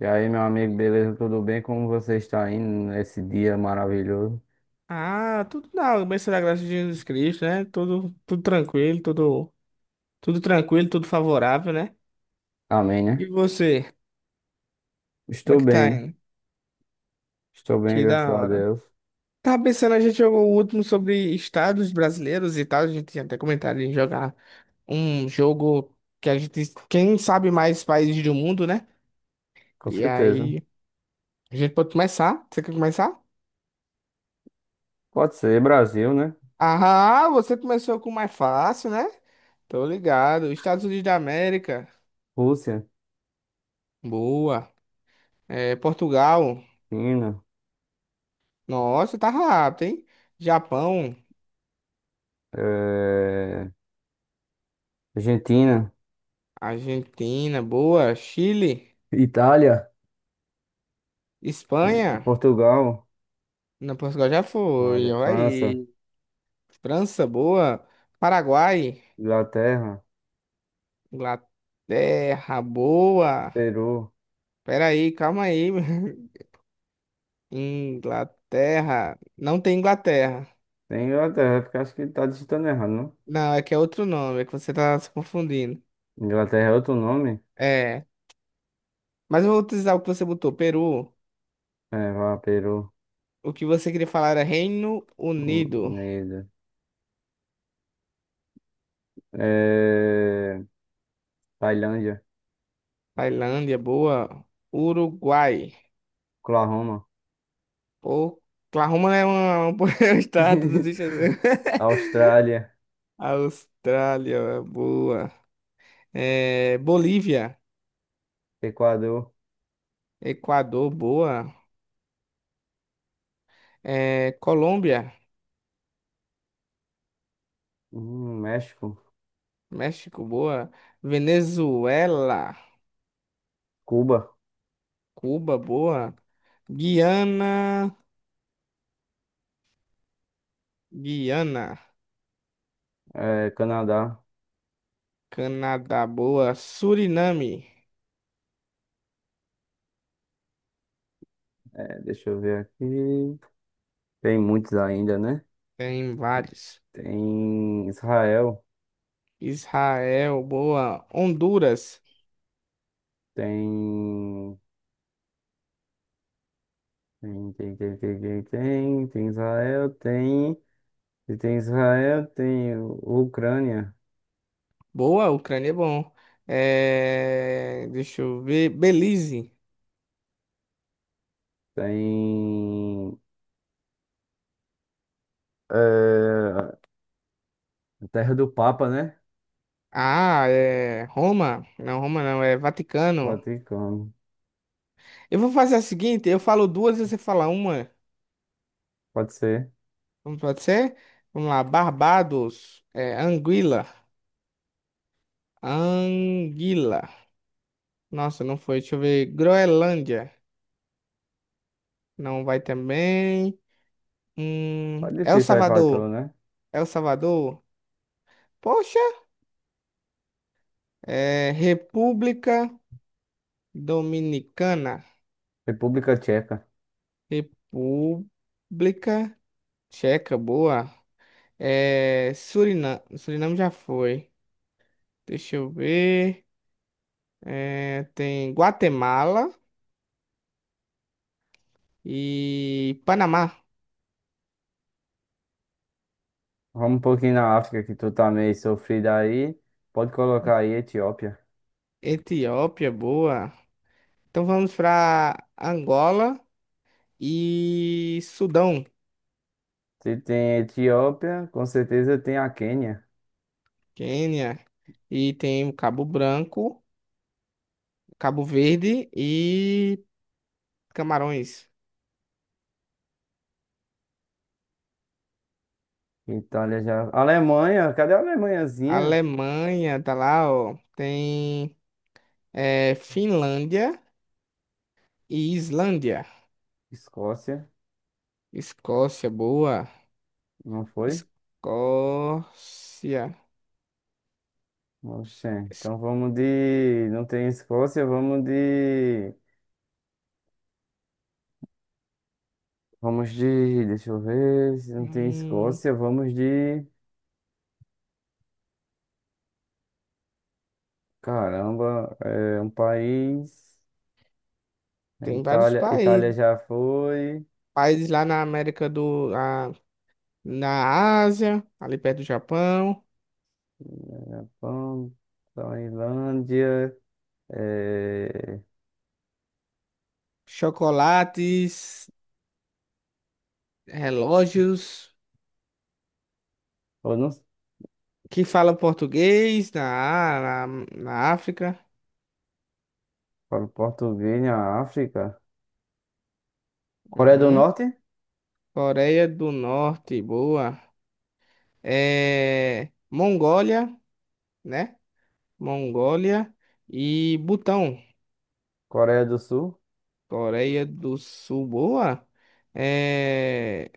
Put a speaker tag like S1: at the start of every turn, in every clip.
S1: E aí, meu amigo, beleza? Tudo bem? Como você está indo nesse dia maravilhoso?
S2: Ah, tudo na bênção da graça de Jesus Cristo, né? Tudo tranquilo, tudo tranquilo, tudo favorável, né?
S1: Amém,
S2: E
S1: né?
S2: você, como é
S1: Estou
S2: que tá
S1: bem,
S2: indo?
S1: estou bem,
S2: Que
S1: graças
S2: da
S1: a
S2: hora.
S1: Deus.
S2: Tava pensando, a gente jogou o último sobre estados brasileiros e tal, a gente tinha até comentado em jogar um jogo que a gente, quem sabe mais países do mundo, né?
S1: Com
S2: E
S1: certeza.
S2: aí, a gente pode começar? Você quer começar?
S1: Pode ser Brasil, né?
S2: Ah, você começou com o mais fácil, né? Tô ligado. Estados Unidos da América.
S1: Rússia,
S2: Boa. É, Portugal,
S1: China,
S2: nossa, tá rápido, hein? Japão,
S1: eh, Argentina,
S2: Argentina, boa. Chile,
S1: Itália,
S2: Espanha,
S1: Portugal,
S2: na Portugal já foi,
S1: olha,
S2: olha
S1: França,
S2: aí. França, boa. Paraguai,
S1: Inglaterra,
S2: Inglaterra, boa.
S1: Peru.
S2: Pera aí, calma aí. Inglaterra, não tem Inglaterra.
S1: Tem Inglaterra, porque acho que tá digitando errado, não?
S2: Não, é que é outro nome, é que você tá se confundindo.
S1: Inglaterra é outro nome?
S2: É, mas eu vou utilizar o que você botou, Peru.
S1: É, vá, Peru,
S2: O que você queria falar era Reino Unido.
S1: Neida. Eh, Tailândia.
S2: Tailândia, boa. Uruguai.
S1: Oklahoma,
S2: Oklahoma é um um estado dos Estados Unidos.
S1: Austrália,
S2: Austrália, boa. É, Bolívia,
S1: Equador,
S2: Equador, boa. É, Colômbia,
S1: México,
S2: México, boa. Venezuela,
S1: Cuba,
S2: Cuba, boa. Guiana, Guiana,
S1: Canadá.
S2: Canadá, boa. Suriname,
S1: Deixa eu ver aqui. Tem muitos ainda, né?
S2: tem vários.
S1: Tem Israel,
S2: Israel, boa. Honduras.
S1: tem. Tem Israel, tem. E tem Israel, tem Ucrânia,
S2: Boa, Ucrânia é bom. É, deixa eu ver. Belize.
S1: tem. É, a Terra do Papa, né?
S2: Ah, é. Roma. Não, Roma não, é Vaticano.
S1: Vaticano.
S2: Eu vou fazer a seguinte: eu falo duas e você fala uma.
S1: Pode ser.
S2: Não pode ser? Vamos lá. Barbados. É, Anguila. Anguila. Nossa, não foi. Deixa eu ver. Groenlândia. Não vai também.
S1: Pode
S2: El
S1: difícil aí pra
S2: Salvador.
S1: tu, né?
S2: El Salvador. Poxa. É, República Dominicana.
S1: República Tcheca.
S2: República Tcheca, boa. É, Suriname, Suriname já foi. Deixa eu ver. É, tem Guatemala e Panamá.
S1: Vamos um pouquinho na África, que tu tá meio sofrido aí. Pode colocar aí Etiópia.
S2: Etiópia, boa. Então vamos para Angola e Sudão,
S1: Se tem Etiópia, com certeza tem a Quênia.
S2: Quênia. E tem o Cabo Branco, Cabo Verde e Camarões.
S1: Itália já. Alemanha, cadê a Alemanhazinha?
S2: Alemanha, tá lá, ó. Tem é, Finlândia e Islândia.
S1: Escócia,
S2: Escócia, boa.
S1: não foi?
S2: Escócia.
S1: Oxê.
S2: Es-
S1: Então vamos de. Não tem Escócia, vamos de. Vamos de. Deixa eu ver. Se não tem
S2: Hum,
S1: Escócia, vamos de. Caramba, é um país. É
S2: tem vários
S1: Itália, Itália
S2: países.
S1: já foi.
S2: Países lá na América Na, na Ásia, ali perto do Japão.
S1: Vamos. Tailândia. É...
S2: Chocolates, relógios,
S1: Eu não
S2: que falam português na África.
S1: falo português na África. Coreia do
S2: Uhum.
S1: Norte,
S2: Coreia do Norte, boa. É, Mongólia, né? Mongólia e Butão.
S1: Coreia do Sul,
S2: Coreia do Sul, boa. É...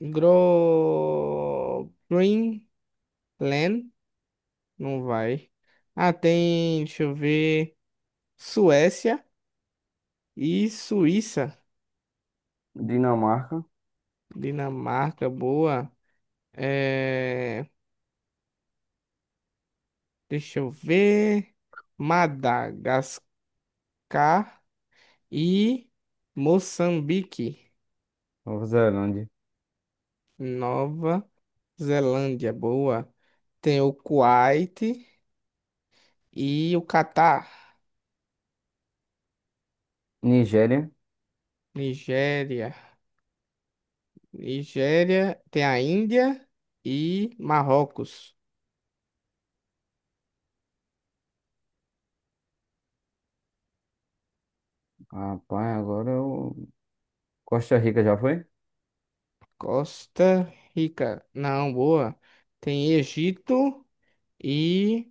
S2: Gro... Greenland, não vai. Ah, tem, deixa eu ver, Suécia e Suíça.
S1: Dinamarca,
S2: Dinamarca, boa. É... Deixa eu ver, Madagascar e Moçambique.
S1: Nova Zelândia,
S2: Nova Zelândia, boa. Tem o Kuwait e o Catar.
S1: Nigéria.
S2: Nigéria. Nigéria tem a Índia e Marrocos.
S1: Rapaz, agora eu... Costa Rica já foi?
S2: Costa Rica. Não, boa. Tem Egito e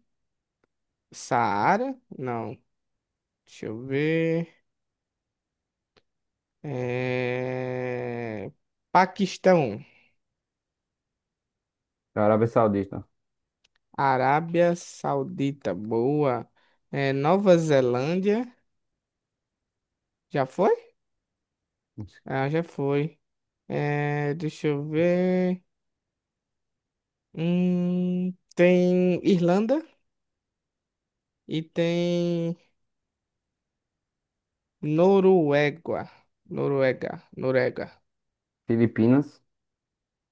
S2: Saara. Não. Deixa eu ver. É... Paquistão.
S1: Arábia Saudita.
S2: Arábia Saudita. Boa. É, Nova Zelândia. Já foi? Ah, já foi. É, deixa eu ver. Tem Irlanda. E tem Noruega. Noruega, Noruega.
S1: Filipinas.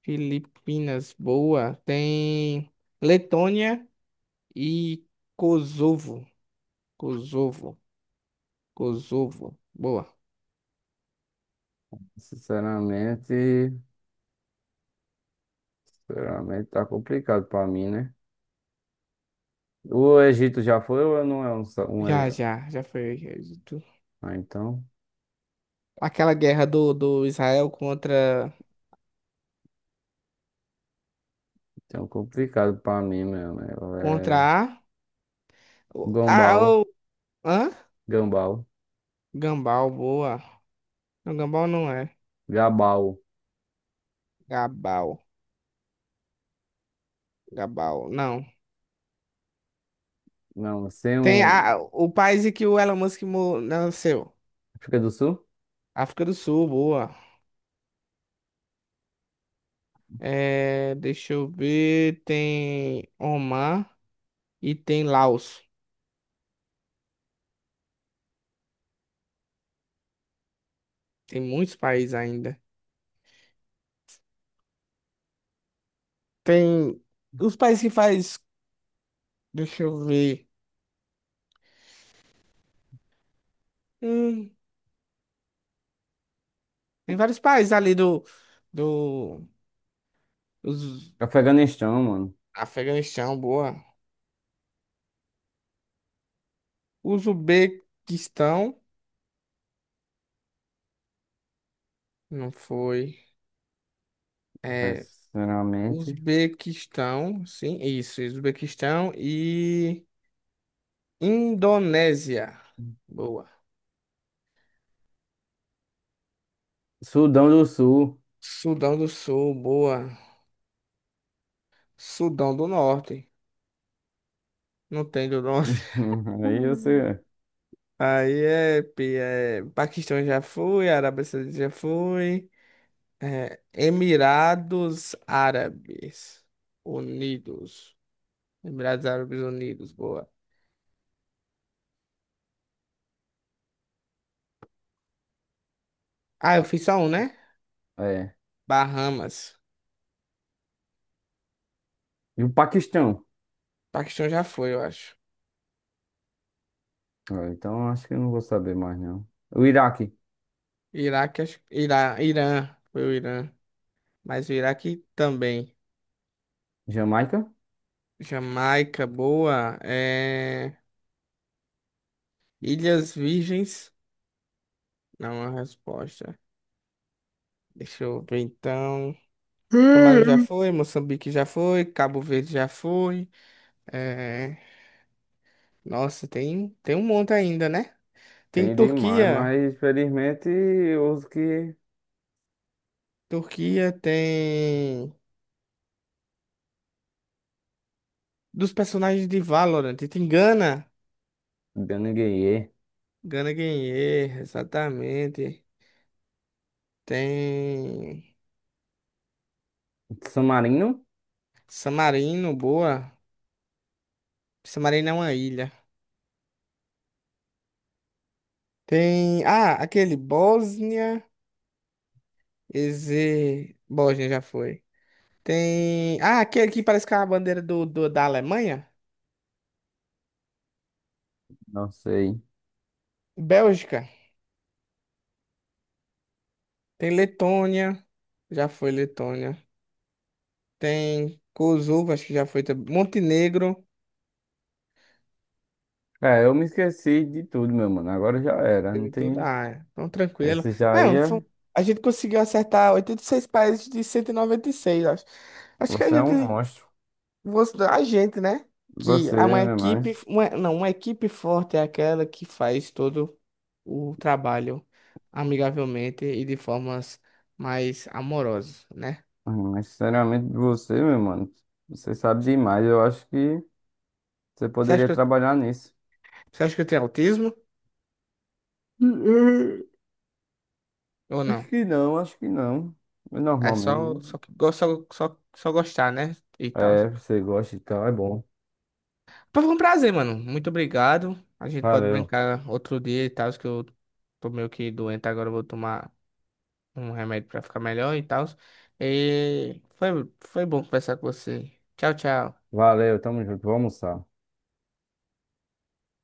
S2: Filipinas, boa. Tem Letônia e Kosovo. Kosovo, Kosovo, boa.
S1: Sinceramente, sinceramente tá complicado pra mim, né? O Egito já foi ou não é um... só- um...
S2: Já,
S1: é-
S2: já, já foi. Tu-
S1: Ah, então,
S2: Aquela guerra do Israel contra,
S1: então complicado pra mim mesmo, né? É
S2: contra a. o- a
S1: Gombal,
S2: o- hã?
S1: Gambal,
S2: Gambal, boa. Não, Gambal não é.
S1: Gabal.
S2: Gabal, Gabal, não.
S1: Não, sem
S2: Tem
S1: um.
S2: a, o país em que o Elon Musk nasceu.
S1: África do Sul?
S2: África do Sul, boa. É, deixa eu ver. Tem Omar e tem Laos. Tem muitos países ainda. Tem os países que faz. Deixa eu ver. Hum, tem vários países ali do. Do. Os,
S1: Afeganistão, mano.
S2: Afeganistão, boa. Uzbequistão. Não foi.
S1: É,
S2: É.
S1: sinceramente.
S2: Uzbequistão, sim, isso. Uzbequistão e. Indonésia. Boa.
S1: Sudão do Sul.
S2: Sudão do Sul, boa. Sudão do Norte. Não tem do Norte.
S1: Aí
S2: Hum.
S1: você.
S2: Aí é, é. Paquistão já fui, Arábia Saudita já fui. É, Emirados Árabes Unidos. Emirados Árabes Unidos, boa. Ah, eu fiz só um, né?
S1: É.
S2: Bahamas.
S1: E o Paquistão.
S2: Paquistão já foi, eu acho.
S1: Ah, então acho que eu não vou saber mais, não. O Iraque.
S2: Iraque, Irã, Irã. Foi o Irã. Mas o Iraque também.
S1: Jamaica?
S2: Jamaica, boa. É, Ilhas Virgens. Não é uma resposta. Deixa eu ver então. Camarão já
S1: Hum.
S2: foi, Moçambique já foi, Cabo Verde já foi. É... Nossa, tem um monte ainda, né? Tem
S1: Tem demais,
S2: Turquia.
S1: mas infelizmente os que.
S2: Turquia tem. Dos personagens de Valorant. Tem Gana.
S1: Ganhei.
S2: Gana Guerreiro, exatamente. Tem.
S1: San Marino?
S2: Samarino, boa. Samarino é uma ilha. Tem. Ah, aquele Bósnia. Bósnia já foi. Tem. Ah, aquele que parece que é a bandeira da Alemanha?
S1: Não sei.
S2: Bélgica. Tem Letônia. Já foi Letônia. Tem Kosovo, acho que já foi. Também. Montenegro.
S1: É, eu me esqueci de tudo, meu mano. Agora já era. Não
S2: Teve tudo.
S1: tem.
S2: Ah, é. Então tranquilo.
S1: Esse já
S2: Mano,
S1: ia.
S2: a gente conseguiu acertar 86 países de cento e noventa e seis acho. Acho que a
S1: Você é um
S2: gente.
S1: monstro.
S2: A gente, né? Que
S1: Você
S2: é uma
S1: é
S2: equipe.
S1: mais.
S2: Não, uma equipe forte é aquela que faz todo o trabalho amigavelmente e de formas mais amorosas, né?
S1: Ah, mas sinceramente, você, meu mano, você sabe demais. Eu acho que você
S2: Você acha
S1: poderia
S2: que eu,
S1: trabalhar nisso.
S2: Você acha que eu tenho autismo ou
S1: Acho
S2: não?
S1: que não, acho que não. É
S2: É
S1: normal
S2: só,
S1: mesmo.
S2: só, que go- só, só, só gostar, né? E
S1: Né?
S2: tal.
S1: É, você gosta e tal, é bom.
S2: Pô, foi um prazer, mano. Muito obrigado. A gente pode
S1: Valeu,
S2: brincar outro dia e tal, que eu tô meio que doente agora, eu vou tomar um remédio pra ficar melhor e tal. E foi bom conversar com você. Tchau, tchau.
S1: valeu, tamo junto, vamos almoçar.